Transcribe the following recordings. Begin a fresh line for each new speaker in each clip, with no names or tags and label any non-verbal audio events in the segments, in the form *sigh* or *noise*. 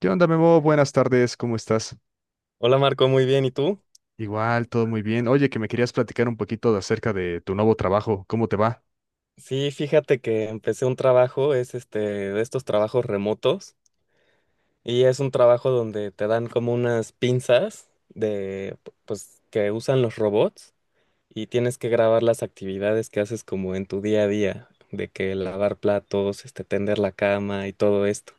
¿Qué onda, Memo? Buenas tardes, ¿cómo estás?
Hola Marco, muy bien. ¿Y tú?
Igual, todo muy bien. Oye, que me querías platicar un poquito de acerca de tu nuevo trabajo, ¿cómo te va?
Sí, fíjate que empecé un trabajo, es de estos trabajos remotos y es un trabajo donde te dan como unas pinzas de pues que usan los robots y tienes que grabar las actividades que haces como en tu día a día, de que lavar platos, tender la cama y todo esto.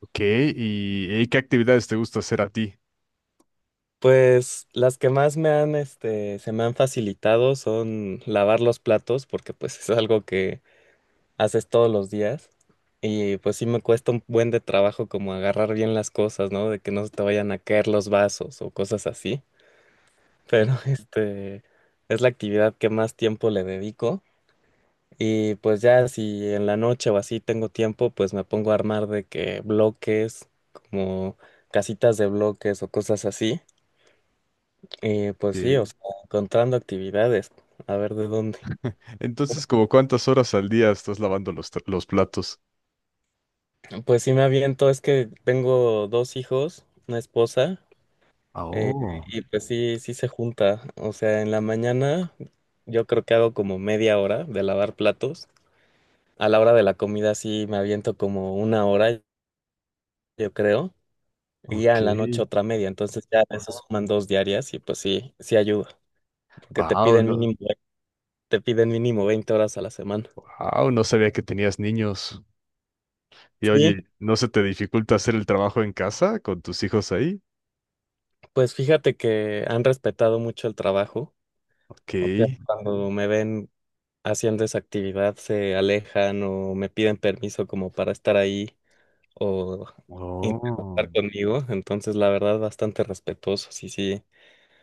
Ok, ¿y qué actividades te gusta hacer a ti?
Pues las que más me han este se me han facilitado son lavar los platos porque pues es algo que haces todos los días. Y pues sí me cuesta un buen de trabajo como agarrar bien las cosas, ¿no? De que no se te vayan a caer los vasos o cosas así. Pero *laughs* es la actividad que más tiempo le dedico. Y pues ya si en la noche o así tengo tiempo, pues me pongo a armar de que bloques, como casitas de bloques o cosas así. Y pues sí, o
Ok.
sea, encontrando actividades, a ver de dónde.
Entonces, ¿como cuántas horas al día estás lavando los platos?
Pues sí me aviento, es que tengo dos hijos, una esposa. Eh,
Oh,
y pues sí, sí se junta. O sea, en la mañana yo creo que hago como media hora de lavar platos. A la hora de la comida sí me aviento como una hora, yo creo. Y ya
ok.
en la noche otra media. Entonces ya eso suman 2 diarias y pues sí, sí ayuda. Porque te
Wow,
piden
no,
mínimo, te piden mínimo 20 horas a la semana.
wow, no sabía que tenías niños. Y
Sí,
oye, ¿no se te dificulta hacer el trabajo en casa con tus hijos ahí?
pues fíjate que han respetado mucho el trabajo.
Ok.
O sea, cuando me ven haciendo esa actividad se alejan o me piden permiso como para estar ahí o
Oh.
interactuar conmigo, entonces la verdad bastante respetuoso, sí, sí,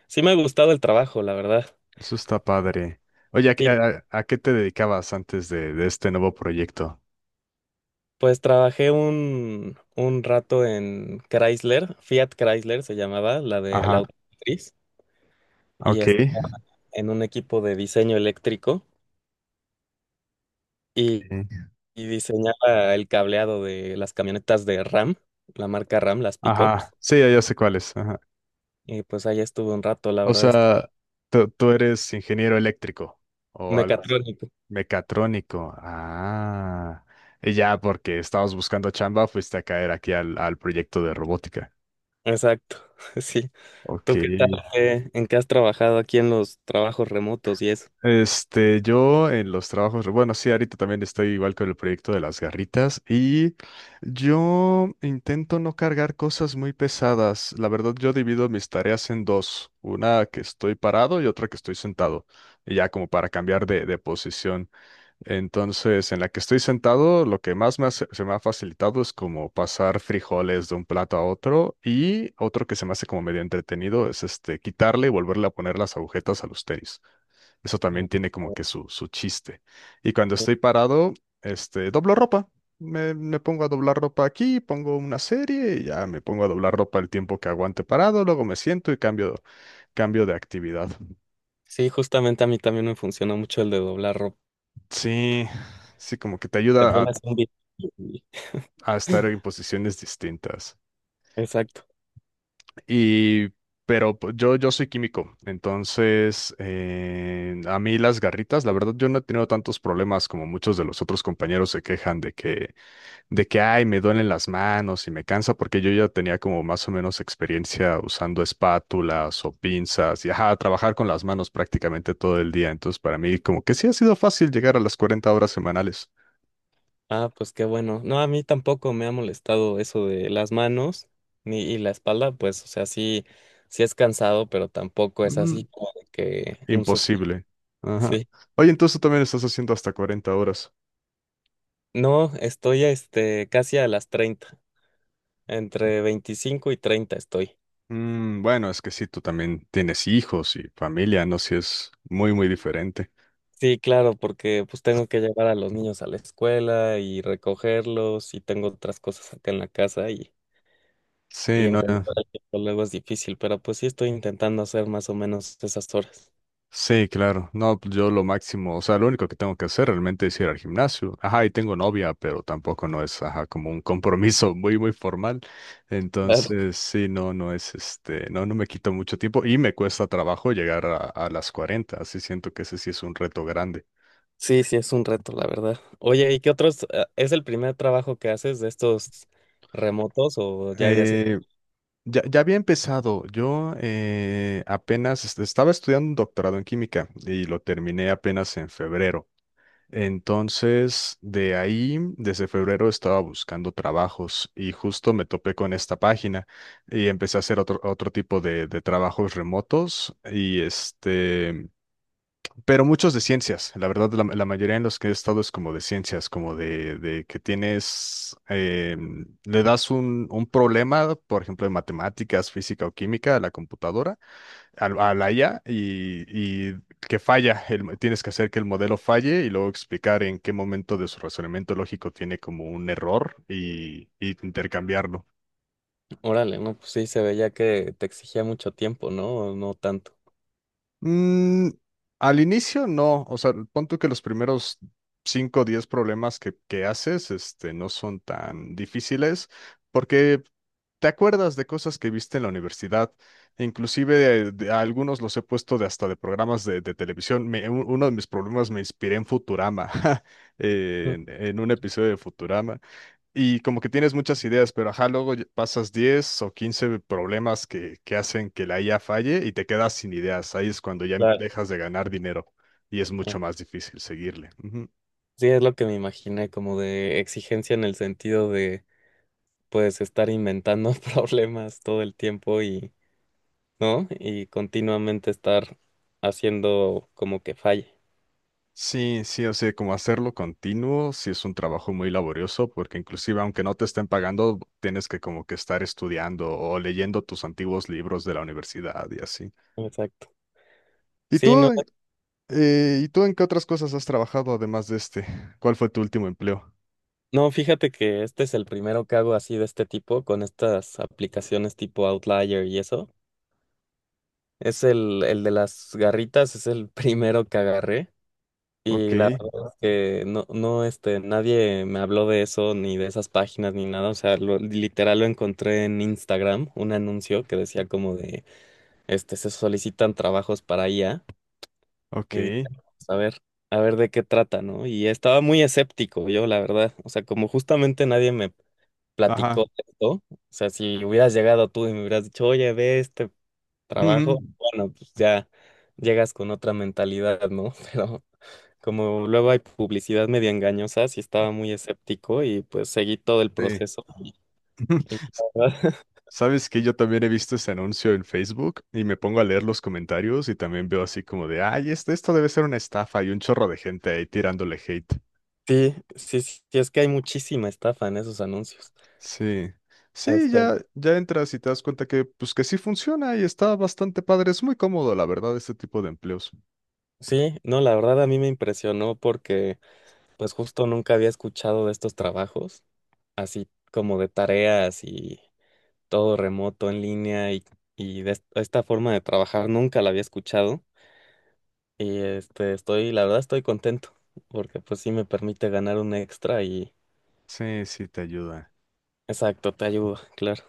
sí me ha gustado el trabajo, la verdad.
Eso está padre. Oye, ¿a, qué
Sí,
a- a qué te dedicabas antes de este nuevo proyecto?
pues trabajé un rato en Chrysler, Fiat Chrysler se llamaba, la de la
Ajá,
automotriz, y
ok.
estaba en un equipo de diseño eléctrico y, y diseñaba el cableado de las camionetas de RAM, la marca RAM, las pickups,
Ajá, sí, ya sé cuál es. Ajá.
y pues ahí estuve un rato, la
O
verdad, estuvo
sea, tú eres ingeniero eléctrico o algo así.
mecatrónico,
Mecatrónico. Ah, y ya porque estabas buscando chamba, fuiste a caer aquí al proyecto de robótica.
exacto, *laughs* sí.
Ok.
¿Tú qué tal? ¿En qué has trabajado aquí en los trabajos remotos y eso?
Este, yo en los trabajos, bueno, sí, ahorita también estoy igual con el proyecto de las garritas y yo intento no cargar cosas muy pesadas. La verdad, yo divido mis tareas en dos, una que estoy parado y otra que estoy sentado, y ya como para cambiar de posición. Entonces, en la que estoy sentado, lo que más se me ha facilitado es como pasar frijoles de un plato a otro, y otro que se me hace como medio entretenido es este quitarle y volverle a poner las agujetas a los tenis. Eso también
Ah,
tiene como que su chiste. Y cuando
sí.
estoy parado, doblo ropa. Me pongo a doblar ropa aquí, pongo una serie y ya me pongo a doblar ropa el tiempo que aguante parado, luego me siento y cambio, cambio de actividad.
Sí, justamente a mí también me funciona mucho el de doblar ropa.
Sí, sí, como que te
Te
ayuda a
pones un video y-
estar en posiciones distintas.
Exacto.
Y, pero pues, yo soy químico, entonces a mí las garritas, la verdad, yo no he tenido tantos problemas como muchos de los otros compañeros se quejan de que, ay, me duelen las manos y me cansa, porque yo ya tenía como más o menos experiencia usando espátulas o pinzas y, ajá, trabajar con las manos prácticamente todo el día. Entonces, para mí, como que sí ha sido fácil llegar a las 40 horas semanales.
Ah, pues qué bueno. No, a mí tampoco me ha molestado eso de las manos ni y la espalda, pues, o sea, sí, sí es cansado, pero tampoco es así
Mm.
como de que un suf-
Imposible. Ajá.
Sí.
Oye, entonces tú también estás haciendo hasta 40 horas.
No, estoy casi a las 30, entre 25 y 30 estoy.
Mm, bueno, es que sí, tú también tienes hijos y familia, ¿no? Sí, es muy, muy diferente.
Sí, claro, porque pues tengo que llevar a los niños a la escuela y recogerlos y tengo otras cosas acá en la casa
Sí,
y
no,
encontrar el tiempo luego es difícil, pero pues sí estoy intentando hacer más o menos esas horas.
sí, claro. No, pues yo lo máximo, o sea, lo único que tengo que hacer realmente es ir al gimnasio. Ajá, y tengo novia, pero tampoco no es, ajá, como un compromiso *laughs* muy, muy formal.
Claro.
Entonces, sí, no, no me quito mucho tiempo y me cuesta trabajo llegar a las 40. Así siento que ese sí es un reto grande.
Sí, sí, es un reto, la verdad. Oye, ¿y qué otros? ¿Es el primer trabajo que haces de estos remotos o ya habías hecho?
Eh, Ya, ya había empezado. Yo estaba estudiando un doctorado en química y lo terminé apenas en febrero. Entonces, de ahí, desde febrero estaba buscando trabajos y justo me topé con esta página y empecé a hacer otro, otro tipo de trabajos remotos y este... Pero muchos de ciencias, la verdad, la mayoría en los que he estado es como de ciencias, como de que tienes, le das un problema, por ejemplo, de matemáticas, física o química a la computadora, la IA, y que falla, tienes que hacer que el modelo falle y luego explicar en qué momento de su razonamiento lógico tiene como un error y intercambiarlo.
Órale, no, pues sí, se veía que te exigía mucho tiempo, ¿no? ¿O no tanto?
Mm, al inicio no, o sea, pon tú que los primeros 5 o 10 problemas que haces este, no son tan difíciles porque te acuerdas de cosas que viste en la universidad. E inclusive a algunos los he puesto de hasta de programas de televisión. Uno de mis problemas me inspiré en Futurama, *laughs*
Mm,
en un episodio de Futurama. Y como que tienes muchas ideas, pero ajá, luego ya pasas 10 o 15 problemas que hacen que la IA falle y te quedas sin ideas. Ahí es cuando
claro.
dejas de ganar dinero y es mucho más difícil seguirle. Ujú.
Sí, es lo que me imaginé, como de exigencia en el sentido de puedes estar inventando *laughs* problemas todo el tiempo y, ¿no? Y continuamente estar haciendo como que falle.
Sí, sí, o sea, como hacerlo continuo, sí es un trabajo muy laborioso, porque inclusive aunque no te estén pagando, tienes que como que estar estudiando o leyendo tus antiguos libros de la universidad y así.
Exacto.
¿Y
Sí, no,
tú, y tú en qué otras cosas has trabajado además de este? ¿Cuál fue tu último empleo?
no, fíjate que este es el primero que hago así de este tipo, con estas aplicaciones tipo Outlier y eso. Es el de las garritas, es el *laughs* primero que agarré.
Ok,
Y la verdad es que no, no, nadie me habló de eso, ni de esas páginas, ni nada. O sea, literal lo encontré en Instagram, un anuncio que decía como de este, se solicitan trabajos para IA. Y dije:
ok.
"Vamos a ver de qué trata, ¿no?" Y estaba muy escéptico yo, la verdad. O sea, como justamente nadie me platicó
Ajá.
de esto, o sea, si hubieras llegado tú y me hubieras dicho, oye, ve este trabajo,
Ujú.
bueno, pues ya llegas con otra mentalidad, ¿no? *laughs* Pero como luego hay publicidad media engañosa, sí estaba muy escéptico y pues seguí todo el
Sí.
proceso. Y
*laughs*
la verdad,
Sabes que yo también he visto ese anuncio en Facebook y me pongo a leer los comentarios y también veo así como de, ay, este, esto debe ser una estafa y un chorro de gente ahí tirándole hate.
*laughs* sí, sí, sí, es que hay muchísima estafa en esos anuncios.
Sí, sí,
este
ya, ya entras y te das cuenta que, pues que sí funciona y está bastante padre, es muy cómodo, la verdad, este tipo de empleos.
Sí, no, la verdad a mí me impresionó porque pues justo nunca había escuchado de estos trabajos, así como de tareas y todo remoto en línea y de esta forma de trabajar nunca la había escuchado y estoy, la verdad estoy contento porque pues sí me permite ganar un extra y
Sí, sí, te ayuda.
exacto, te ayuda, claro.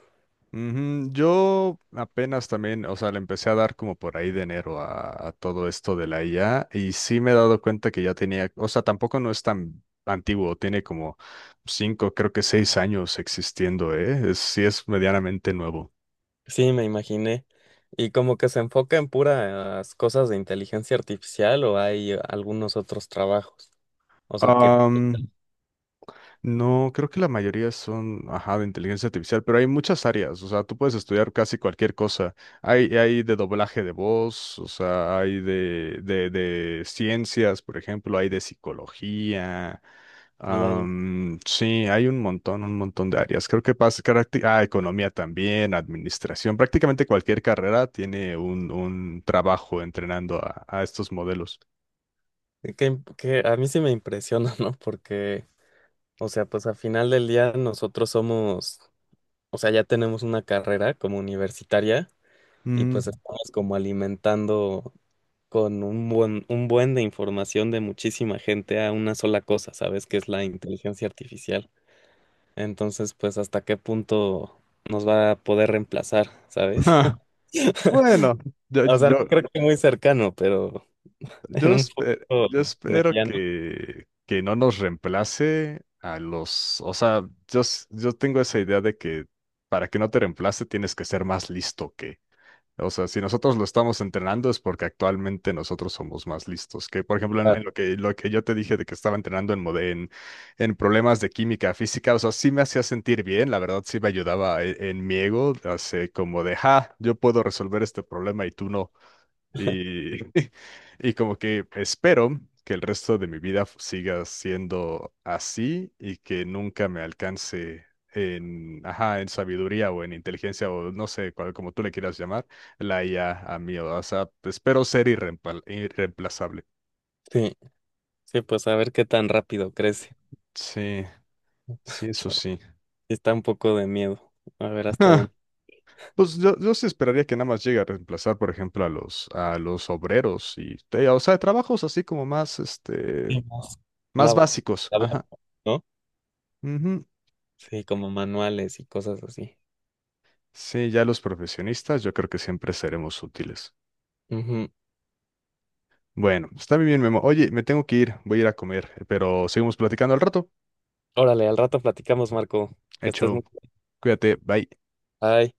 Ujú, yo apenas también, o sea, le empecé a dar como por ahí de enero a todo esto de la IA y sí me he dado cuenta que ya tenía, o sea, tampoco no es tan antiguo, tiene como cinco, creo que seis años existiendo, ¿eh? Es- sí es medianamente nuevo.
Sí, me imaginé. Y como que se enfoca en puras cosas de inteligencia artificial o hay algunos otros trabajos, o sea que
No, creo que la mayoría son, ajá, de inteligencia artificial, pero hay muchas áreas, o sea, tú puedes estudiar casi cualquier cosa. Hay de doblaje de voz, o sea, hay de ciencias, por ejemplo, hay de psicología. Am, sí, hay un montón de áreas. Creo que pasa, caracti- ah, economía también, administración, prácticamente cualquier carrera tiene un trabajo entrenando a estos modelos.
Que a mí sí me impresiona, ¿no? Porque, o sea, pues al final del día nosotros somos, o sea, ya tenemos una carrera como universitaria y pues
Mm,
estamos como alimentando con un buen de información de muchísima gente a una sola cosa, ¿sabes? Que es la inteligencia artificial. Entonces, pues, ¿hasta qué punto nos va a poder reemplazar,
*laughs*
sabes?
ah,
*laughs*
bueno, yo,
O sea, no
yo-
creo que muy cercano, pero en
Yo,
un futuro
yo espero
mediano.
que no nos reemplace a los, o sea, yo tengo esa idea de que para que no te reemplace tienes que ser más listo que, o sea, si nosotros lo estamos entrenando es porque actualmente nosotros somos más listos que, por ejemplo,
Ah,
en lo que yo te dije de que estaba entrenando en problemas de química física, o sea, sí me hacía sentir bien, la verdad sí me ayudaba en mi ego, así como de, ja, yo puedo resolver este problema y tú no. Y, *laughs* y como que espero que el resto de mi vida siga siendo así y que nunca me alcance en, ajá, en sabiduría o en inteligencia o no sé, cual- como tú le quieras llamar, la IA a mí. O sea, espero ser irreemplazable.
sí. Sí, pues a ver qué tan rápido crece.
Sí, sí, eso
*laughs*
sí. *laughs*
Está un poco de miedo. A ver hasta
Ah,
dónde.
pues yo sí esperaría que nada más llegue a reemplazar, por ejemplo, a los obreros o sea, trabajos así como más,
Sí,
este,
más. La,
más
bo-
básicos.
la boca,
Ajá.
¿no? Sí, como manuales y cosas así.
Sí, ya los profesionistas, yo creo que siempre seremos útiles.
Ujú.
Bueno, está muy bien, Memo. Oye, me tengo que ir, voy a ir a comer, pero seguimos platicando al rato.
Órale, al rato platicamos, Marco. Que estés muy
Hecho,
bien.
cuídate, bye.
Bye.